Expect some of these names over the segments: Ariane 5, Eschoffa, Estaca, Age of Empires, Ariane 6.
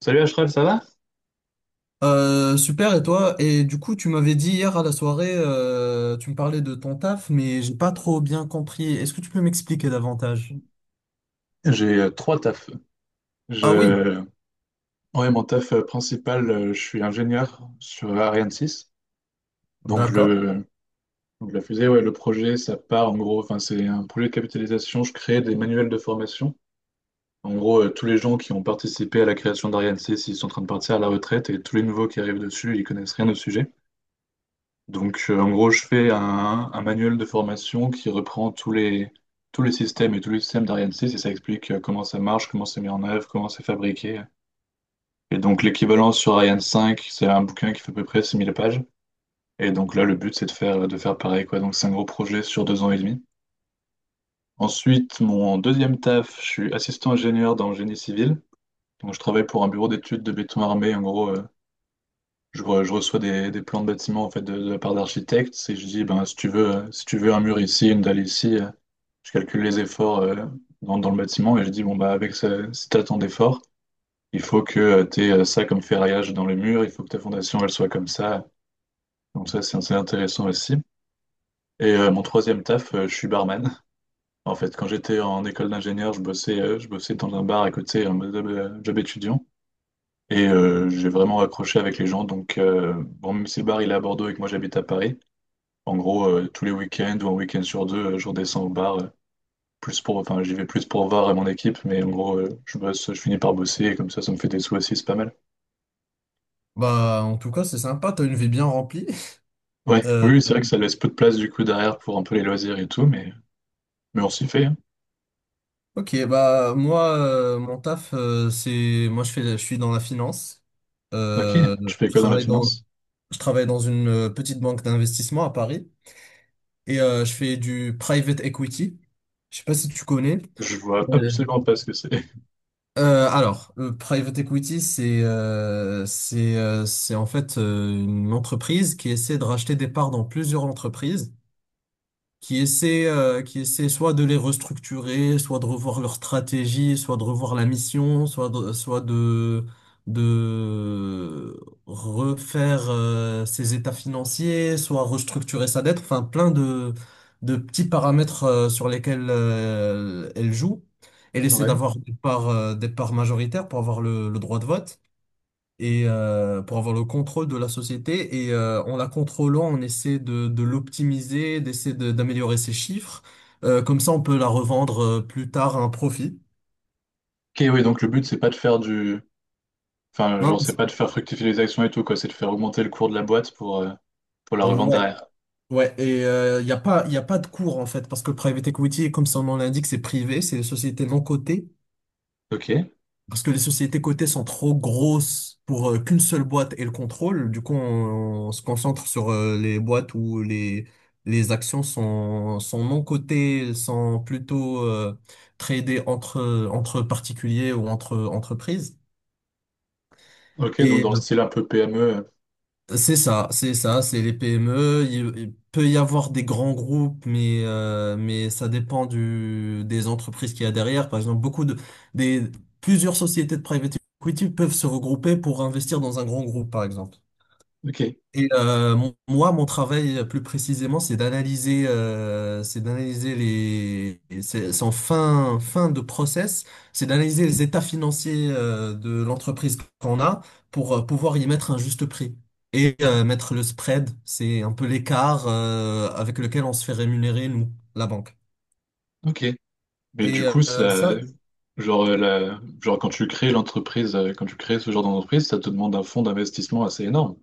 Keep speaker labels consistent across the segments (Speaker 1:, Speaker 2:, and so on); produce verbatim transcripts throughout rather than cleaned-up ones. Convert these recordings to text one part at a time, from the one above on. Speaker 1: Salut Ashraf, ça va?
Speaker 2: Euh, super, et toi? Et du coup, tu m'avais dit hier à la soirée, euh, tu me parlais de ton taf, mais j'ai pas trop bien compris. Est-ce que tu peux m'expliquer davantage?
Speaker 1: J'ai euh, trois tafs.
Speaker 2: Ah oui,
Speaker 1: Je... Ouais, mon taf euh, principal, euh, je suis ingénieur sur Ariane six. Donc,
Speaker 2: d'accord.
Speaker 1: le... donc la fusée, ouais, le projet, ça part en gros. Enfin, c'est un projet de capitalisation. Je crée des manuels de formation. En gros, euh, tous les gens qui ont participé à la création d'Ariane six, ils sont en train de partir à la retraite et tous les nouveaux qui arrivent dessus, ils connaissent rien au sujet. Donc, euh, en gros, je fais un, un manuel de formation qui reprend tous les, tous les systèmes et tous les systèmes d'Ariane six, et ça explique euh, comment ça marche, comment c'est mis en œuvre, comment c'est fabriqué. Et donc l'équivalent sur Ariane cinq, c'est un bouquin qui fait à peu près six mille pages. Et donc là, le but, c'est de faire, de faire pareil, quoi. Donc c'est un gros projet sur deux ans et demi. Ensuite, mon deuxième taf, je suis assistant ingénieur dans le génie civil. Donc je travaille pour un bureau d'études de béton armé. En gros, euh, je, re- je reçois des, des plans de bâtiments en fait, de, de la part d'architectes. Et je dis, ben, si tu veux, euh, si tu veux un mur ici, une dalle ici, euh, je calcule les efforts euh, dans, dans le bâtiment. Et je dis, bon, bah, avec ce, si tu as tant d'efforts, il faut que tu aies ça comme ferraillage dans le mur. Il faut que ta fondation, elle soit comme ça. Donc ça, c'est c'est intéressant aussi. Et euh, mon troisième taf, euh, je suis barman. En fait, quand j'étais en école d'ingénieur, je bossais, euh, je bossais dans un bar à côté, un job, euh, job étudiant. Et euh, j'ai vraiment accroché avec les gens. Donc, euh, bon, même si le bar il est à Bordeaux et que moi j'habite à Paris, en gros, euh, tous les week-ends ou un week-end sur deux, euh, je redescends au bar. Euh, plus pour, enfin, j'y vais plus pour voir euh, mon équipe, mais en gros, euh, je bosse, je finis par bosser et comme ça, ça me fait des sous aussi, c'est pas mal.
Speaker 2: Bah, en tout cas, c'est sympa, t'as une vie bien remplie.
Speaker 1: Ouais,
Speaker 2: Euh,
Speaker 1: oui, oui, c'est vrai que ça laisse peu de place du coup derrière pour un peu les loisirs et tout, mais, mais on s'y fait, hein.
Speaker 2: ok, bah, moi, euh, mon taf, euh, c'est. Moi, je fais, je suis dans la finance.
Speaker 1: Ok,
Speaker 2: Euh,
Speaker 1: tu fais
Speaker 2: je
Speaker 1: quoi dans la
Speaker 2: travaille dans,
Speaker 1: finance?
Speaker 2: je travaille dans une euh, petite banque d'investissement à Paris et euh, je fais du private equity. Je sais pas si tu connais.
Speaker 1: Je vois
Speaker 2: Euh,
Speaker 1: absolument pas ce que c'est.
Speaker 2: Euh, alors, le private equity, c'est euh, c'est euh, c'est en fait euh, une entreprise qui essaie de racheter des parts dans plusieurs entreprises qui essaient, euh, qui essaient soit de les restructurer, soit de revoir leur stratégie, soit de revoir la mission, soit de, soit de, de refaire, euh, ses états financiers, soit restructurer sa dette, enfin plein de, de petits paramètres, euh, sur lesquels, euh, elle joue. Elle essaie
Speaker 1: Ouais.
Speaker 2: d'avoir des parts, euh, des parts majoritaires pour avoir le, le droit de vote et euh, pour avoir le contrôle de la société et euh, en la contrôlant, on essaie de, de l'optimiser, d'essayer de- d'améliorer ses chiffres. Euh, comme ça, on peut la revendre euh, plus tard à un profit.
Speaker 1: Ok, oui, donc le but, c'est pas de faire du... Enfin,
Speaker 2: Non,
Speaker 1: genre,
Speaker 2: non,
Speaker 1: c'est
Speaker 2: c'est-
Speaker 1: pas de faire fructifier les actions et tout, quoi. C'est de faire augmenter le cours de la boîte pour, euh, pour la revendre
Speaker 2: Ouais,
Speaker 1: derrière.
Speaker 2: ouais. Et euh, il n'y a pas, y a pas de cours en fait parce que le private equity, comme son nom l'indique, c'est privé, c'est des sociétés non cotées.
Speaker 1: Ok.
Speaker 2: Parce que les sociétés cotées sont trop grosses pour euh, qu'une seule boîte ait le contrôle. Du coup, on, on se concentre sur euh, les boîtes où les, les actions sont, sont non cotées, sont plutôt euh, tradées entre, entre particuliers ou entre entreprises.
Speaker 1: Ok, donc
Speaker 2: Et
Speaker 1: dans le style un peu P M E. euh,
Speaker 2: C'est ça, c'est ça, c'est les P M E. Il, il peut y avoir des grands groupes, mais, euh, mais ça dépend du, des entreprises qu'il y a derrière. Par exemple, beaucoup de, des, plusieurs sociétés de private equity peuvent se regrouper pour investir dans un grand groupe, par exemple.
Speaker 1: Ok.
Speaker 2: Et euh, mon- moi, mon travail euh, plus précisément, c'est d'analyser, euh, c'est d'analyser les, et c'est c'est en fin, fin de process, c'est d'analyser les états financiers euh, de l'entreprise qu'on a pour euh, pouvoir y mettre un juste prix et euh, mettre le spread, c'est un peu l'écart euh, avec lequel on se fait rémunérer nous, la banque.
Speaker 1: Ok. Mais du
Speaker 2: Et
Speaker 1: coup,
Speaker 2: euh,
Speaker 1: ça...
Speaker 2: ça,
Speaker 1: Genre, euh, la... genre, quand tu crées l'entreprise, euh, quand tu crées ce genre d'entreprise, ça te demande un fonds d'investissement assez énorme.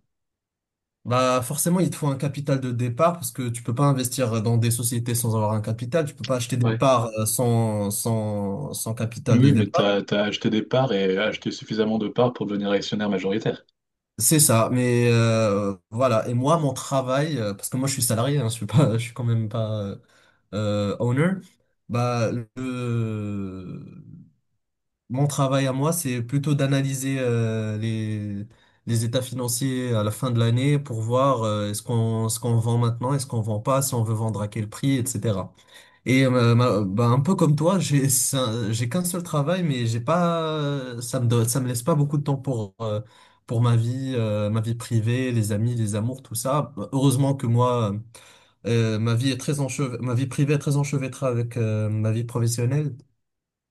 Speaker 2: Bah forcément, il te faut un capital de départ parce que tu peux pas investir dans des sociétés sans avoir un capital. Tu peux pas acheter des
Speaker 1: Ouais.
Speaker 2: parts euh, sans, sans, sans
Speaker 1: Oui,
Speaker 2: capital de
Speaker 1: oui, mais
Speaker 2: départ.
Speaker 1: t'as, t'as acheté des parts et acheté suffisamment de parts pour devenir actionnaire majoritaire.
Speaker 2: C'est ça. Mais euh, voilà. Et moi, mon travail, euh, parce que moi, je suis salarié, hein, je suis pas, je suis quand même pas euh, euh, owner. Bah le- Mon travail à moi, c'est plutôt d'analyser euh, les les états financiers à la fin de l'année pour voir euh, est-ce qu'on ce qu'on vend maintenant, est-ce qu'on vend pas, si on veut vendre à quel prix, et cetera. Et euh, ma- bah, un peu comme toi, j'ai ça- j'ai qu'un seul travail, mais j'ai pas, ça me donne- ça me laisse pas beaucoup de temps pour euh, pour ma vie, euh, ma vie privée, les amis, les amours, tout ça. Heureusement que moi, euh, ma vie est très enchev- ma vie privée est très enchevêtrée avec euh, ma vie professionnelle.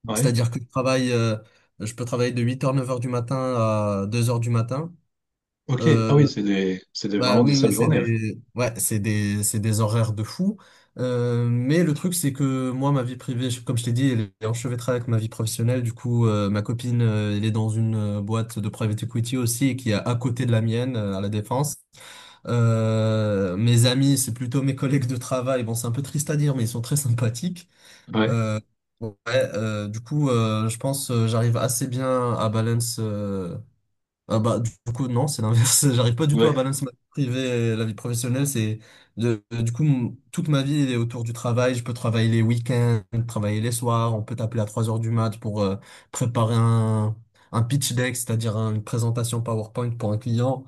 Speaker 1: Ouais.
Speaker 2: C'est-à-dire que je travaille, euh, je peux travailler de huit heures neuf heures du matin à deux heures du matin.
Speaker 1: Ok.
Speaker 2: Euh,
Speaker 1: Ah oui, c'est des... c'est des...
Speaker 2: Bah
Speaker 1: vraiment des
Speaker 2: oui,
Speaker 1: sales
Speaker 2: oui, c'est
Speaker 1: journées, ouais.
Speaker 2: des, ouais, c'est des, c'est des horaires de fou. Euh, mais le truc, c'est que moi, ma vie privée, je- comme je t'ai dit, elle est enchevêtrée avec ma vie professionnelle. Du coup, euh, ma copine, euh, elle est dans une euh, boîte de private equity aussi, et qui est à côté de la mienne, euh, à La Défense. Euh, mes amis, c'est plutôt mes collègues de travail. Bon, c'est un peu triste à dire, mais ils sont très sympathiques.
Speaker 1: Ouais.
Speaker 2: Euh, ouais, euh, du coup, euh, je pense, euh, j'arrive assez bien à balance, euh, ah bah, du coup, non, c'est l'inverse. J'arrive pas du tout à
Speaker 1: Ouais,
Speaker 2: balancer ma vie privée et la vie professionnelle. C'est de, euh, du coup, mon- toute ma vie elle est autour du travail. Je peux travailler les week-ends, travailler les soirs. On peut t'appeler à trois heures du mat pour euh, préparer un, un pitch deck, c'est-à-dire un- une présentation PowerPoint pour un client.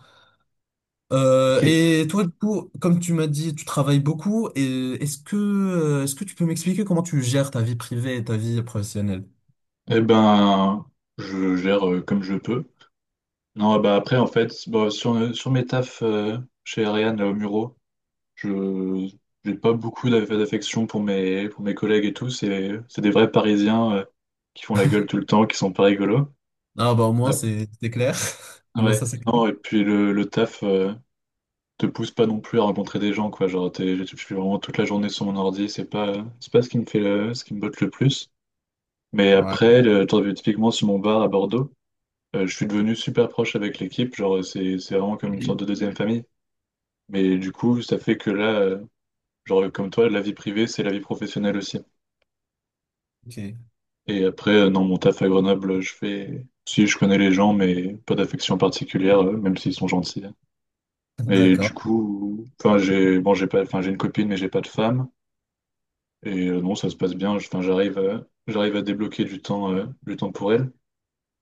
Speaker 2: Euh,
Speaker 1: ok.
Speaker 2: et toi, du coup, comme tu m'as dit, tu travailles beaucoup. Et est-ce que, euh, est-ce que tu peux m'expliquer comment tu gères ta vie privée et ta vie professionnelle?
Speaker 1: Eh ben, je gère euh, comme je peux. Non, bah après, en fait, bon, sur, sur mes tafs euh, chez Ariane, là, au Muro, je j'ai pas beaucoup d'aff- d'affection pour mes, pour mes collègues et tout. C'est c'est des vrais Parisiens euh, qui font la gueule tout le temps, qui sont pas rigolos.
Speaker 2: Ah bah, au moins,
Speaker 1: Ah,
Speaker 2: c'est c'est clair. Au moins,
Speaker 1: ouais,
Speaker 2: ça, c'est clair.
Speaker 1: non, et puis le, le taf euh, te pousse pas non plus à rencontrer des gens, quoi. Genre, t'es- je suis vraiment toute la journée sur mon ordi, c'est pas, c'est pas ce qui me fait le- ce qui me botte le plus. Mais
Speaker 2: Ouais.
Speaker 1: après, le, genre, typiquement sur mon bar à Bordeaux, Euh, je suis devenu super proche avec l'équipe, genre c'est c'est vraiment comme une sorte de deuxième famille. Mais du coup, ça fait que là, euh, genre comme toi, la vie privée, c'est la vie professionnelle aussi.
Speaker 2: Ok.
Speaker 1: Et après, euh, non, mon taf à Grenoble, je fais... Si, je connais les gens, mais pas d'affection particulière, euh, même s'ils sont gentils. Mais du
Speaker 2: D'accord.
Speaker 1: coup, enfin, j'ai bon, j'ai pas, enfin, j'ai une copine, mais j'ai pas de femme. Et euh, non, ça se passe bien. Enfin, j'arrive, à- j'arrive à débloquer du temps, euh, du temps pour elle.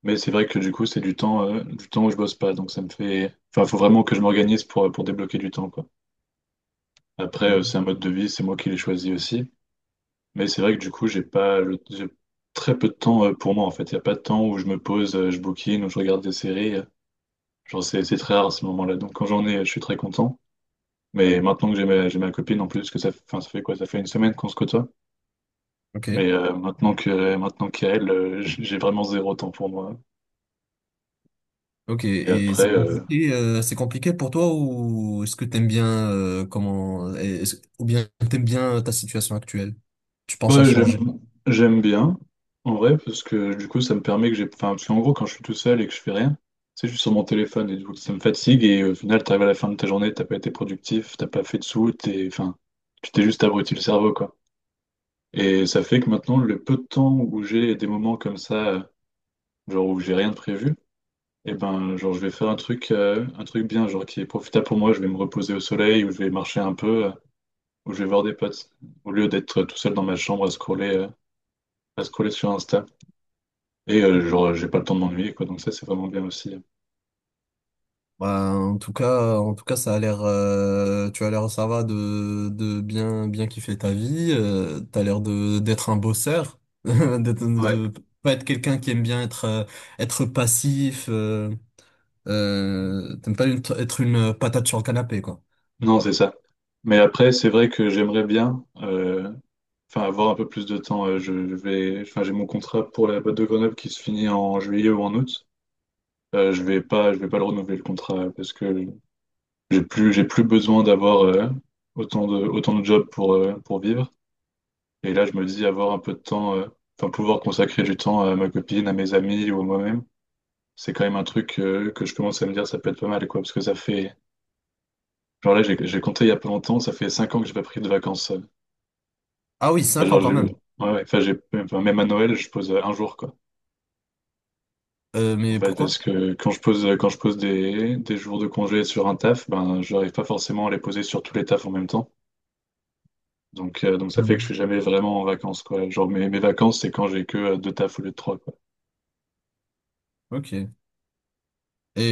Speaker 1: Mais c'est vrai que du coup, c'est du temps, euh, du temps où je bosse pas. Donc ça me fait. Enfin, faut vraiment que je m'organise pour, pour débloquer du temps, quoi. Après, euh, c'est un mode de vie, c'est moi qui l'ai choisi aussi. Mais c'est vrai que du coup, j'ai pas le- j'ai très peu de temps euh, pour moi en fait. Il n'y a pas de temps où je me pose, euh, je bouquine, où je regarde des séries. euh. Genre, c'est c'est très rare à ce moment-là. Donc quand j'en ai, je suis très content. Mais maintenant que j'ai ma, j'ai ma copine en plus, que ça, enfin, ça fait quoi? Ça fait une semaine qu'on se côtoie.
Speaker 2: Ok.
Speaker 1: Mais euh, maintenant que maintenant qu'elle, euh, j- j'ai vraiment zéro temps pour moi.
Speaker 2: Ok.
Speaker 1: Et
Speaker 2: Et c'est
Speaker 1: après, Ouais, euh,
Speaker 2: compliqué, euh, c'est compliqué pour toi ou est-ce que t'aimes bien euh, comment est-ce- ou bien t'aimes bien ta situation actuelle? Tu penses à
Speaker 1: Bah,
Speaker 2: changer?
Speaker 1: j'aime, J'aime bien, en vrai, parce que du coup, ça me permet que j'ai. Enfin, parce qu'en gros, quand je suis tout seul et que je fais rien, tu sais, je suis sur mon téléphone et du coup, ça me fatigue et au final, t'arrives à la fin de ta journée, t'as pas été productif, t'as pas fait de sous, t'es. Enfin, tu t'es juste abruti le cerveau, quoi. Et ça fait que maintenant, le peu de temps où j'ai des moments comme ça, euh, genre où j'ai rien de prévu, et ben, genre, je vais faire un truc, euh, un truc bien, genre qui est profitable pour moi. Je vais me reposer au soleil ou je vais marcher un peu euh, ou je vais voir des potes au lieu d'être tout seul dans ma chambre à scroller, euh, à scroller sur Insta. Et euh, genre, j'ai pas le temps de m'ennuyer, quoi. Donc ça, c'est vraiment bien aussi, hein.
Speaker 2: Bah, en tout cas, en tout cas, ça a l'air, euh, tu as l'air, ça va de, de bien, bien kiffer ta vie. Euh, t'as l'air de d'être un bosseur, d'être-
Speaker 1: Ouais,
Speaker 2: de, de pas être quelqu'un qui aime bien être, euh, être passif. euh. Euh, t'aimes pas une- être une euh, patate sur le canapé, quoi.
Speaker 1: non, c'est ça. Mais après, c'est vrai que j'aimerais bien euh, enfin, avoir un peu plus de temps. Euh, je je vais, enfin, j'ai mon contrat pour la boîte de Grenoble qui se finit en juillet ou en août. Euh, je vais pas, je vais pas le renouveler le contrat parce que j'ai plus, j'ai plus besoin d'avoir euh, autant de, autant de jobs pour, euh, pour vivre. Et là, je me dis avoir un peu de temps, euh, enfin pouvoir consacrer du temps à ma copine, à mes amis ou à moi-même, c'est quand même un truc euh, que je commence à me dire ça peut être pas mal quoi, parce que ça fait, genre là j'ai j'ai compté il y a pas longtemps, ça fait cinq ans que j'ai pas pris de vacances. euh.
Speaker 2: Ah oui,
Speaker 1: Enfin,
Speaker 2: cinq ans
Speaker 1: genre
Speaker 2: quand
Speaker 1: j'ai, ouais,
Speaker 2: même.
Speaker 1: ouais, enfin j'ai, enfin, même à Noël je pose euh, un jour quoi.
Speaker 2: Euh,
Speaker 1: En
Speaker 2: mais
Speaker 1: fait
Speaker 2: pourquoi?
Speaker 1: parce que quand je pose quand je pose des des jours de congé sur un taf, ben j'arrive pas forcément à les poser sur tous les tafs en même temps. Donc euh, donc ça fait que je suis
Speaker 2: Mhm.
Speaker 1: jamais vraiment en vacances quoi. Genre mes mes vacances c'est quand j'ai que euh, deux tafs au lieu de trois quoi.
Speaker 2: Ok.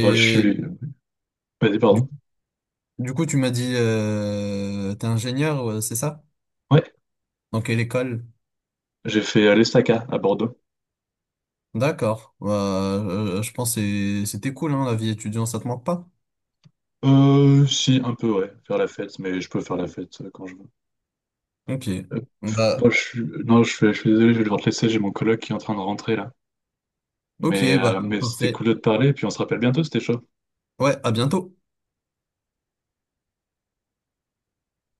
Speaker 1: Bah, je suis, Vas-y
Speaker 2: du,
Speaker 1: pardon.
Speaker 2: du coup, tu m'as dit, euh, t'es ingénieur, ouais, c'est ça?
Speaker 1: Ouais.
Speaker 2: Dans quelle école?
Speaker 1: J'ai fait euh, l'Estaca à Bordeaux.
Speaker 2: D'accord. Bah, euh, je pense que c'est- c'était cool, hein, la vie étudiante, ça te manque pas?
Speaker 1: Euh, si, un peu, ouais, faire la fête, mais je peux faire la fête euh, quand je veux.
Speaker 2: Ok.
Speaker 1: Euh,
Speaker 2: Bah,
Speaker 1: bon, je suis... Non, je suis, je suis désolé, je vais devoir te laisser, j'ai mon coloc qui est en train de rentrer là.
Speaker 2: ok,
Speaker 1: Mais,
Speaker 2: bah,
Speaker 1: euh, mais c'était
Speaker 2: parfait.
Speaker 1: cool de te parler, puis on se rappelle bientôt, c'était chaud.
Speaker 2: Ouais, à bientôt.